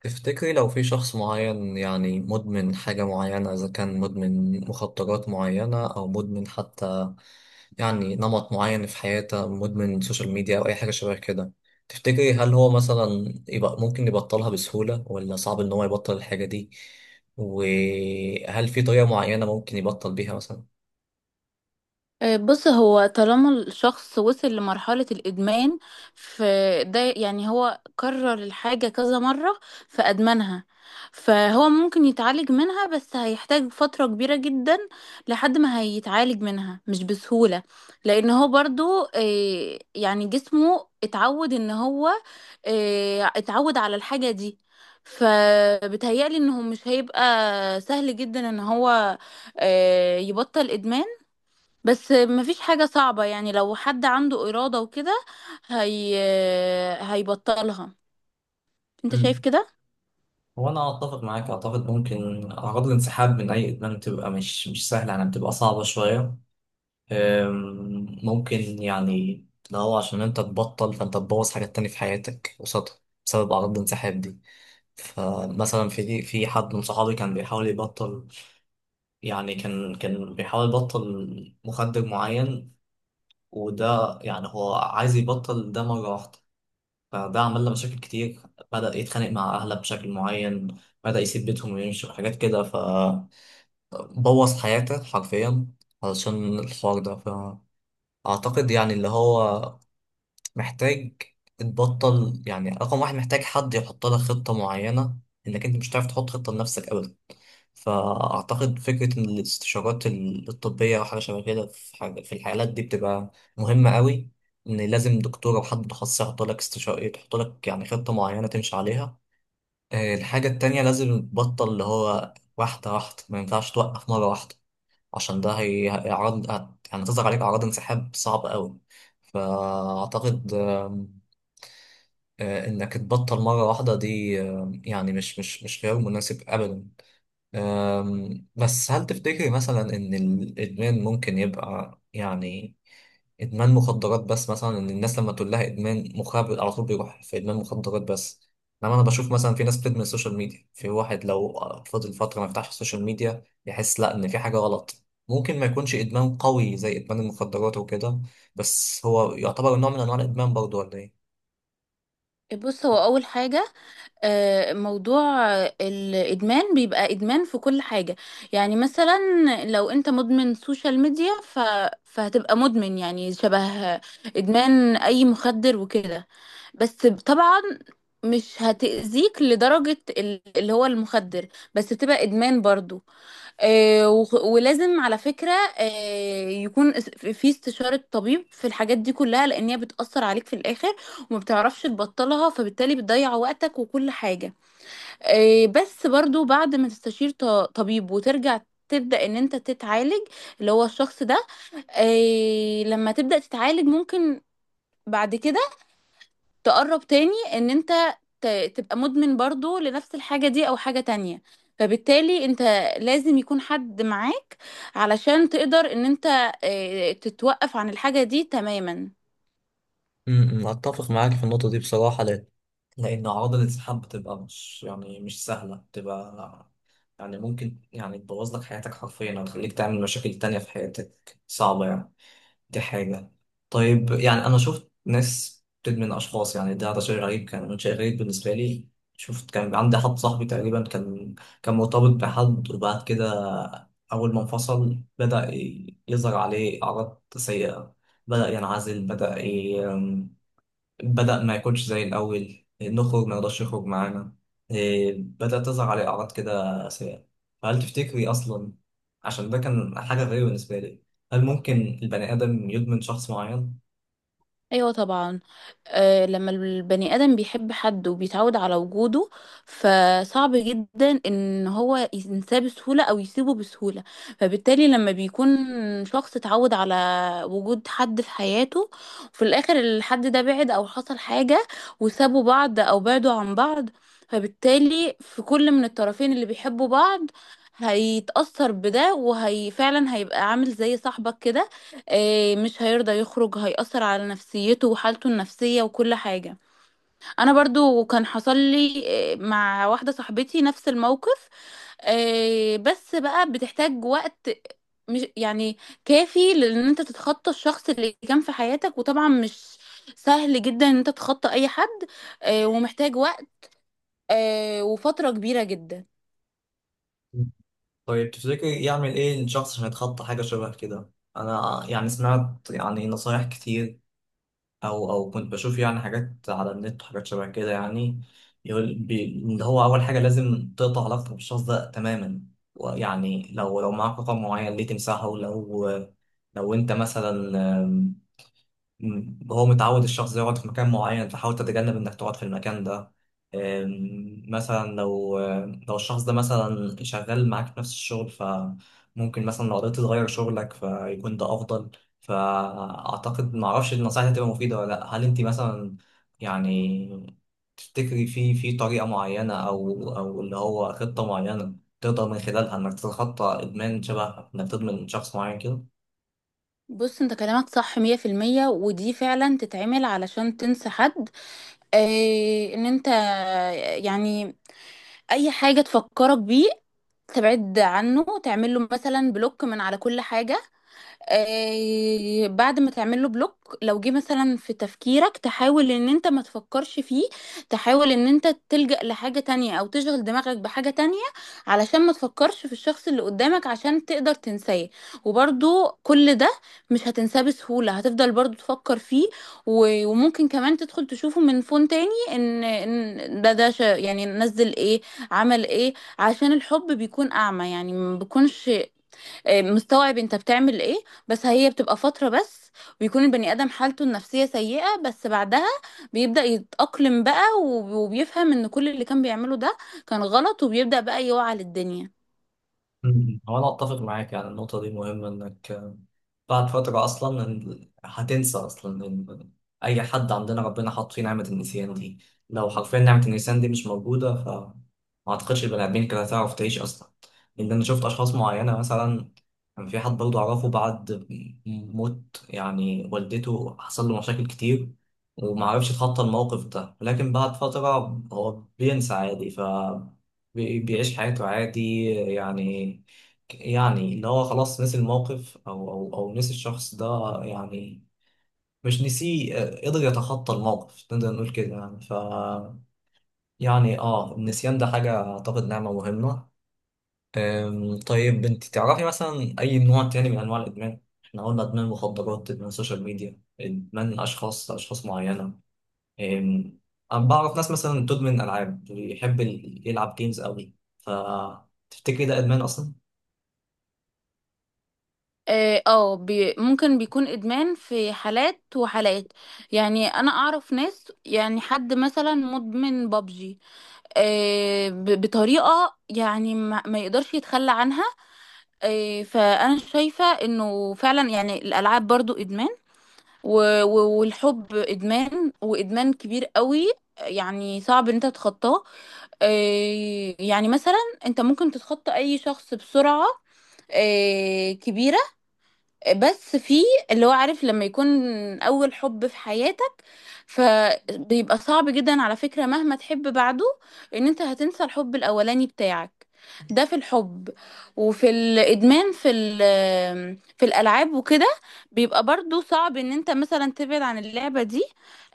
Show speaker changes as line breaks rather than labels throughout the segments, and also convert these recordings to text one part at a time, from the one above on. تفتكري لو في شخص معين، يعني مدمن حاجة معينة، إذا كان مدمن مخدرات معينة أو مدمن حتى يعني نمط معين في حياته، مدمن سوشيال ميديا أو أي حاجة شبه كده. تفتكري هل هو مثلا يبقى ممكن يبطلها بسهولة ولا صعب إن هو يبطل الحاجة دي؟ وهل في طريقة معينة ممكن يبطل بيها مثلا؟
بص، هو طالما الشخص وصل لمرحلة الإدمان فده يعني هو كرر الحاجة كذا مرة فأدمنها. فهو ممكن يتعالج منها بس هيحتاج فترة كبيرة جدا لحد ما هيتعالج منها، مش بسهولة. لأن هو برضو يعني جسمه اتعود إن هو اتعود على الحاجة دي. فبتهيألي إنه مش هيبقى سهل جدا إن هو يبطل إدمان. بس مفيش حاجة صعبة، يعني لو حد عنده إرادة وكده هي هيبطلها. انت شايف
مم.
كده.
هو انا اتفق معاك، اعتقد ممكن اعراض الانسحاب من اي ادمان بتبقى مش سهله، يعني بتبقى صعبه شويه. ممكن يعني لو هو عشان انت تبطل فانت تبوظ حاجات تانية في حياتك قصادها بسبب أعراض الانسحاب دي. فمثلا في حد من صحابي كان بيحاول يبطل، يعني كان بيحاول يبطل مخدر معين، وده يعني هو عايز يبطل ده مرة واحدة، فده عمل له مشاكل كتير. بدأ يتخانق مع أهله بشكل معين، بدأ يسيب بيتهم ويمشي وحاجات كده، فبوظ حياته حرفيا علشان الحوار ده. اعتقد يعني اللي هو محتاج تبطل، يعني رقم واحد محتاج حد يحط لك خطة معينة، لأنك أنت مش هتعرف تحط خطة لنفسك أبدا. فأعتقد فكرة إن الاستشارات الطبية أو حاجة شبه كده، في حاجة في الحالات دي بتبقى مهمة قوي. إن لازم دكتور أو حد متخصص يحط لك استشارة، يحط لك يعني خطة معينة تمشي عليها. الحاجة التانية لازم تبطل اللي هو واحدة واحدة، ما ينفعش توقف مرة واحدة، عشان ده هيعرض، يعني تظهر عليك أعراض انسحاب صعبة قوي. فأعتقد انك تبطل مرة واحدة دي، يعني مش خيار مناسب ابدا. بس هل تفتكري مثلا ان الادمان ممكن يبقى يعني ادمان مخدرات بس؟ مثلا ان الناس لما تقول لها ادمان مخابر على طول بيروح في ادمان مخدرات بس، انما انا بشوف مثلا في ناس بتدمن السوشيال ميديا. في واحد لو فضل فترة ما يفتحش السوشيال ميديا يحس لا ان في حاجة غلط، ممكن ما يكونش ادمان قوي زي ادمان المخدرات وكده، بس هو يعتبر نوع من انواع الادمان برضه ولا ايه؟
بص، هو أول حاجة موضوع الإدمان بيبقى إدمان في كل حاجة. يعني مثلا لو انت مدمن سوشيال ميديا فهتبقى مدمن، يعني شبه إدمان أي مخدر وكده. بس طبعا مش هتأذيك لدرجة اللي هو المخدر، بس تبقى إدمان برضو. ولازم على فكرة يكون في استشارة طبيب في الحاجات دي كلها، لأن هي بتأثر عليك في الآخر وما بتعرفش تبطلها، فبالتالي بتضيع وقتك وكل حاجة. بس برضو بعد ما تستشير طبيب وترجع تبدأ ان انت تتعالج، اللي هو الشخص ده. لما تبدأ تتعالج ممكن بعد كده تقرب تاني ان انت تبقى مدمن برضو لنفس الحاجة دي او حاجة تانية. فبالتالي انت لازم يكون حد معاك علشان تقدر ان انت تتوقف عن الحاجة دي تماما.
اتفق معاك في النقطه دي بصراحه، لان اعراض الانسحاب بتبقى مش يعني مش سهله، بتبقى يعني ممكن يعني تبوظ لك حياتك حرفيا او تخليك تعمل مشاكل تانية في حياتك صعبه يعني، دي حاجه. طيب يعني انا شفت ناس بتدمن اشخاص، يعني ده شيء غريب، كان شيء غريب بالنسبه لي. شفت كان عندي حد صاحبي تقريبا كان مرتبط بحد، وبعد كده اول ما انفصل بدأ يظهر عليه اعراض سيئه. بدأ ينعزل، بدأ ما يكونش زي الأول، نخرج ما يقدرش يخرج معانا. إيه، بدأت تظهر عليه أعراض كده سيئة. فهل تفتكري أصلا، عشان ده كان حاجة غريبة بالنسبة لي، هل ممكن البني آدم يدمن شخص معين؟
ايوه طبعا، آه، لما البني ادم بيحب حد وبيتعود على وجوده فصعب جدا ان هو ينساه بسهوله او يسيبه بسهوله. فبالتالي لما بيكون شخص اتعود على وجود حد في حياته، وفي الاخر الحد ده بعد او حصل حاجه وسابوا بعض او بعدوا عن بعض، فبالتالي في كل من الطرفين اللي بيحبوا بعض هيتأثر بده، وهي فعلا هيبقى عامل زي صاحبك كده. مش هيرضى يخرج، هيأثر على نفسيته وحالته النفسية وكل حاجة. انا برضو كان حصل لي مع واحدة صاحبتي نفس الموقف. بس بقى بتحتاج وقت، مش يعني كافي لان انت تتخطى الشخص اللي كان في حياتك، وطبعا مش سهل جدا ان انت تتخطى اي حد. ومحتاج وقت وفترة كبيرة جدا.
طيب تفتكري يعمل إيه الشخص عشان يتخطى حاجة شبه كده؟ أنا يعني سمعت يعني نصايح كتير، او كنت بشوف يعني حاجات على النت وحاجات شبه كده يعني. يقول ان هو اول حاجه لازم تقطع علاقتك بالشخص ده تماما. ويعني لو معاك رقم معين ليه تمسحه، لو انت مثلا، مم. هو متعود الشخص ده يقعد في مكان معين فحاول تتجنب انك تقعد في المكان ده. مثلا لو الشخص ده مثلا شغال معاك في نفس الشغل، فممكن مثلا لو قدرت تغير شغلك فيكون ده افضل. فاعتقد معرفش النصائح دي هتبقى مفيدة ولا لا. هل انت مثلا يعني تفتكري في طريقة معينة او اللي هو خطة معينة تقدر من خلالها انك تتخطى ادمان، شبه انك تدمن شخص معين كده؟
بص، انت كلامك صح مية في المية، ودي فعلا تتعمل علشان تنسى حد. إيه، ان انت يعني اي حاجة تفكرك بيه تبعد عنه، تعمل له مثلا بلوك من على كل حاجة. بعد ما تعمل له بلوك لو جه مثلا في تفكيرك تحاول ان انت ما تفكرش فيه، تحاول ان انت تلجأ لحاجة تانية او تشغل دماغك بحاجة تانية علشان ما تفكرش في الشخص اللي قدامك، عشان تقدر تنساه. وبرضو كل ده مش هتنساه بسهولة، هتفضل برضو تفكر فيه. و- وممكن كمان تدخل تشوفه من فون تاني ان إن ده ده ش- يعني نزل ايه، عمل ايه. عشان الحب بيكون اعمى، يعني ما بيكونش مستوعب انت بتعمل ايه. بس هي بتبقى فترة بس، ويكون البني ادم حالته النفسية سيئة، بس بعدها بيبدأ يتأقلم بقى وب- وبيفهم ان كل اللي كان بيعمله ده كان غلط، وبيبدأ بقى يوعى للدنيا.
مم. هو انا اتفق معاك، يعني النقطه دي مهمه، انك بعد فتره اصلا هتنسى اصلا، إن اي حد عندنا ربنا حاط فيه نعمه النسيان دي. لو حرفيا نعمه النسيان دي مش موجوده، ف ما اعتقدش البني ادمين كانت هتعرف تعيش اصلا. لان انا شفت اشخاص معينه، مثلا كان في حد برضه اعرفه بعد موت يعني والدته حصل له مشاكل كتير، وما عرفش يتخطى الموقف ده. لكن بعد فتره هو بينسى عادي، بيعيش حياته عادي يعني. يعني اللي هو خلاص نسي الموقف او نسي الشخص ده يعني، مش نسيه، قدر يتخطى الموقف، نقدر نقول كده يعني، ف يعني النسيان ده حاجة اعتقد نعمة مهمة. طيب انت تعرفي مثلا اي نوع تاني من انواع الادمان؟ احنا قلنا ادمان مخدرات، ادمان سوشيال ميديا، ادمان اشخاص، اشخاص معينة. أم، أنا بعرف ناس مثلا بتدمن ألعاب، بيحب يلعب جيمز قوي. فتفتكري ده إدمان أصلا؟
اه آه، بي ممكن بيكون ادمان في حالات وحالات. يعني انا اعرف ناس، يعني حد مثلا مدمن بابجي بطريقة يعني ما يقدرش يتخلى عنها. آه، فانا شايفة انه فعلا يعني الالعاب برضو ادمان، و- و- والحب ادمان، وادمان كبير قوي. يعني صعب ان انت تتخطاه. يعني مثلا انت ممكن تتخطى اي شخص بسرعة كبيرة، بس في اللي هو عارف لما يكون اول حب في حياتك فبيبقى صعب جدا على فكرة، مهما تحب بعده ان انت هتنسى الحب الاولاني بتاعك. ده في الحب. وفي الادمان في في الالعاب وكده بيبقى برضو صعب ان انت مثلا تبعد عن اللعبة دي.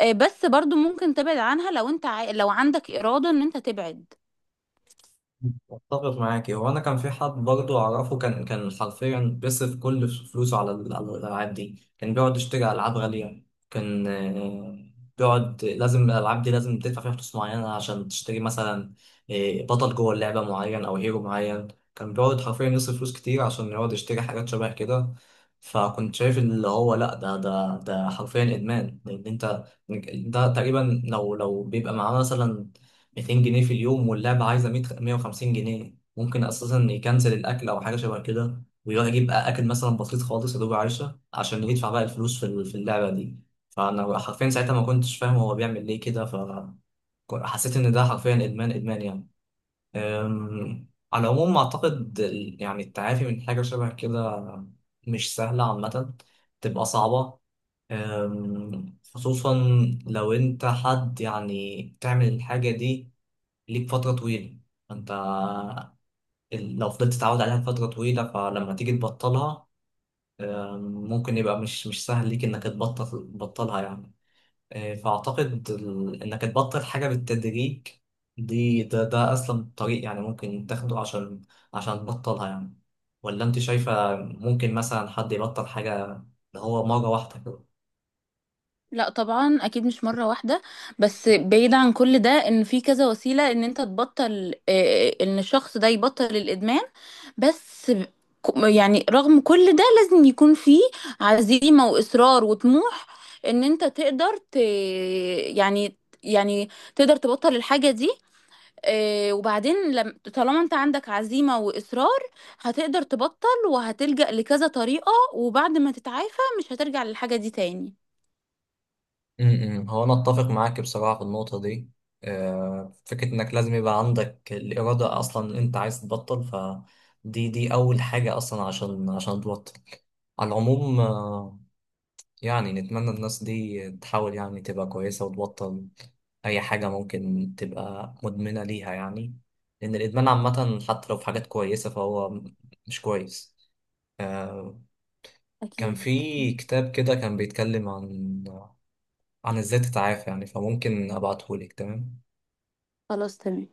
بس برضو ممكن تبعد عنها لو انت لو عندك إرادة ان انت تبعد.
اتفق معاكي. هو انا كان في حد برضه اعرفه كان حرفيا بيصرف كل فلوسه على على الالعاب دي، كان بيقعد يشتري العاب غاليه. كان بيقعد، لازم الالعاب دي لازم تدفع فيها فلوس معينه عشان تشتري مثلا بطل جوه اللعبه معين او هيرو معين. كان بيقعد حرفيا يصرف فلوس كتير عشان يقعد يشتري حاجات شبه كده. فكنت شايف اللي هو لا، ده حرفيا ادمان، لان انت ده تقريبا، لو بيبقى معاه مثلا 200 جنيه في اليوم واللعبة عايزة 100 150 جنيه، ممكن أساسا يكنسل الأكل أو حاجة شبه كده ويروح يجيب أكل مثلا بسيط خالص يا دوب عيشة عشان يدفع بقى الفلوس في اللعبة دي. فأنا حرفيا ساعتها ما كنتش فاهم هو بيعمل ليه كده، فحسيت إن ده حرفيا إدمان إدمان يعني. على العموم أعتقد يعني التعافي من حاجة شبه كده مش سهلة عامة، تبقى صعبة. خصوصا لو أنت حد يعني تعمل الحاجة دي ليك فترة طويلة، فانت لو فضلت تتعود عليها فترة طويلة، فلما تيجي تبطلها، آم، ممكن يبقى مش سهل ليك انك تبطلها يعني. فاعتقد انك تبطل حاجة بالتدريج دي، ده اسلم طريق يعني ممكن تاخده، عشان تبطلها يعني. ولا انت شايفة ممكن مثلا حد يبطل حاجة اللي هو مرة واحدة؟
لا طبعا، اكيد مش مره واحده. بس بعيد عن كل ده، ان في كذا وسيله ان انت تبطل، ان الشخص ده يبطل الادمان. بس يعني رغم كل ده لازم يكون في عزيمه واصرار وطموح ان انت يعني يعني تقدر تبطل الحاجه دي. آه، وبعدين لم... طالما انت عندك عزيمه واصرار هتقدر تبطل، وهتلجأ لكذا طريقه، وبعد ما تتعافى مش هترجع للحاجه دي تاني.
هو انا اتفق معاك بصراحه في النقطه دي. فكره انك لازم يبقى عندك الاراده اصلا ان انت عايز تبطل، فدي اول حاجه اصلا عشان تبطل. على العموم يعني نتمنى الناس دي تحاول يعني تبقى كويسه وتبطل اي حاجه ممكن تبقى مدمنه ليها يعني. لان الادمان عامه حتى لو في حاجات كويسه فهو مش كويس. آه، كان
أكيد.
في كتاب كده كان بيتكلم عن ازاي تتعافى يعني، فممكن ابعتهولك. تمام.
خلاص، تمام.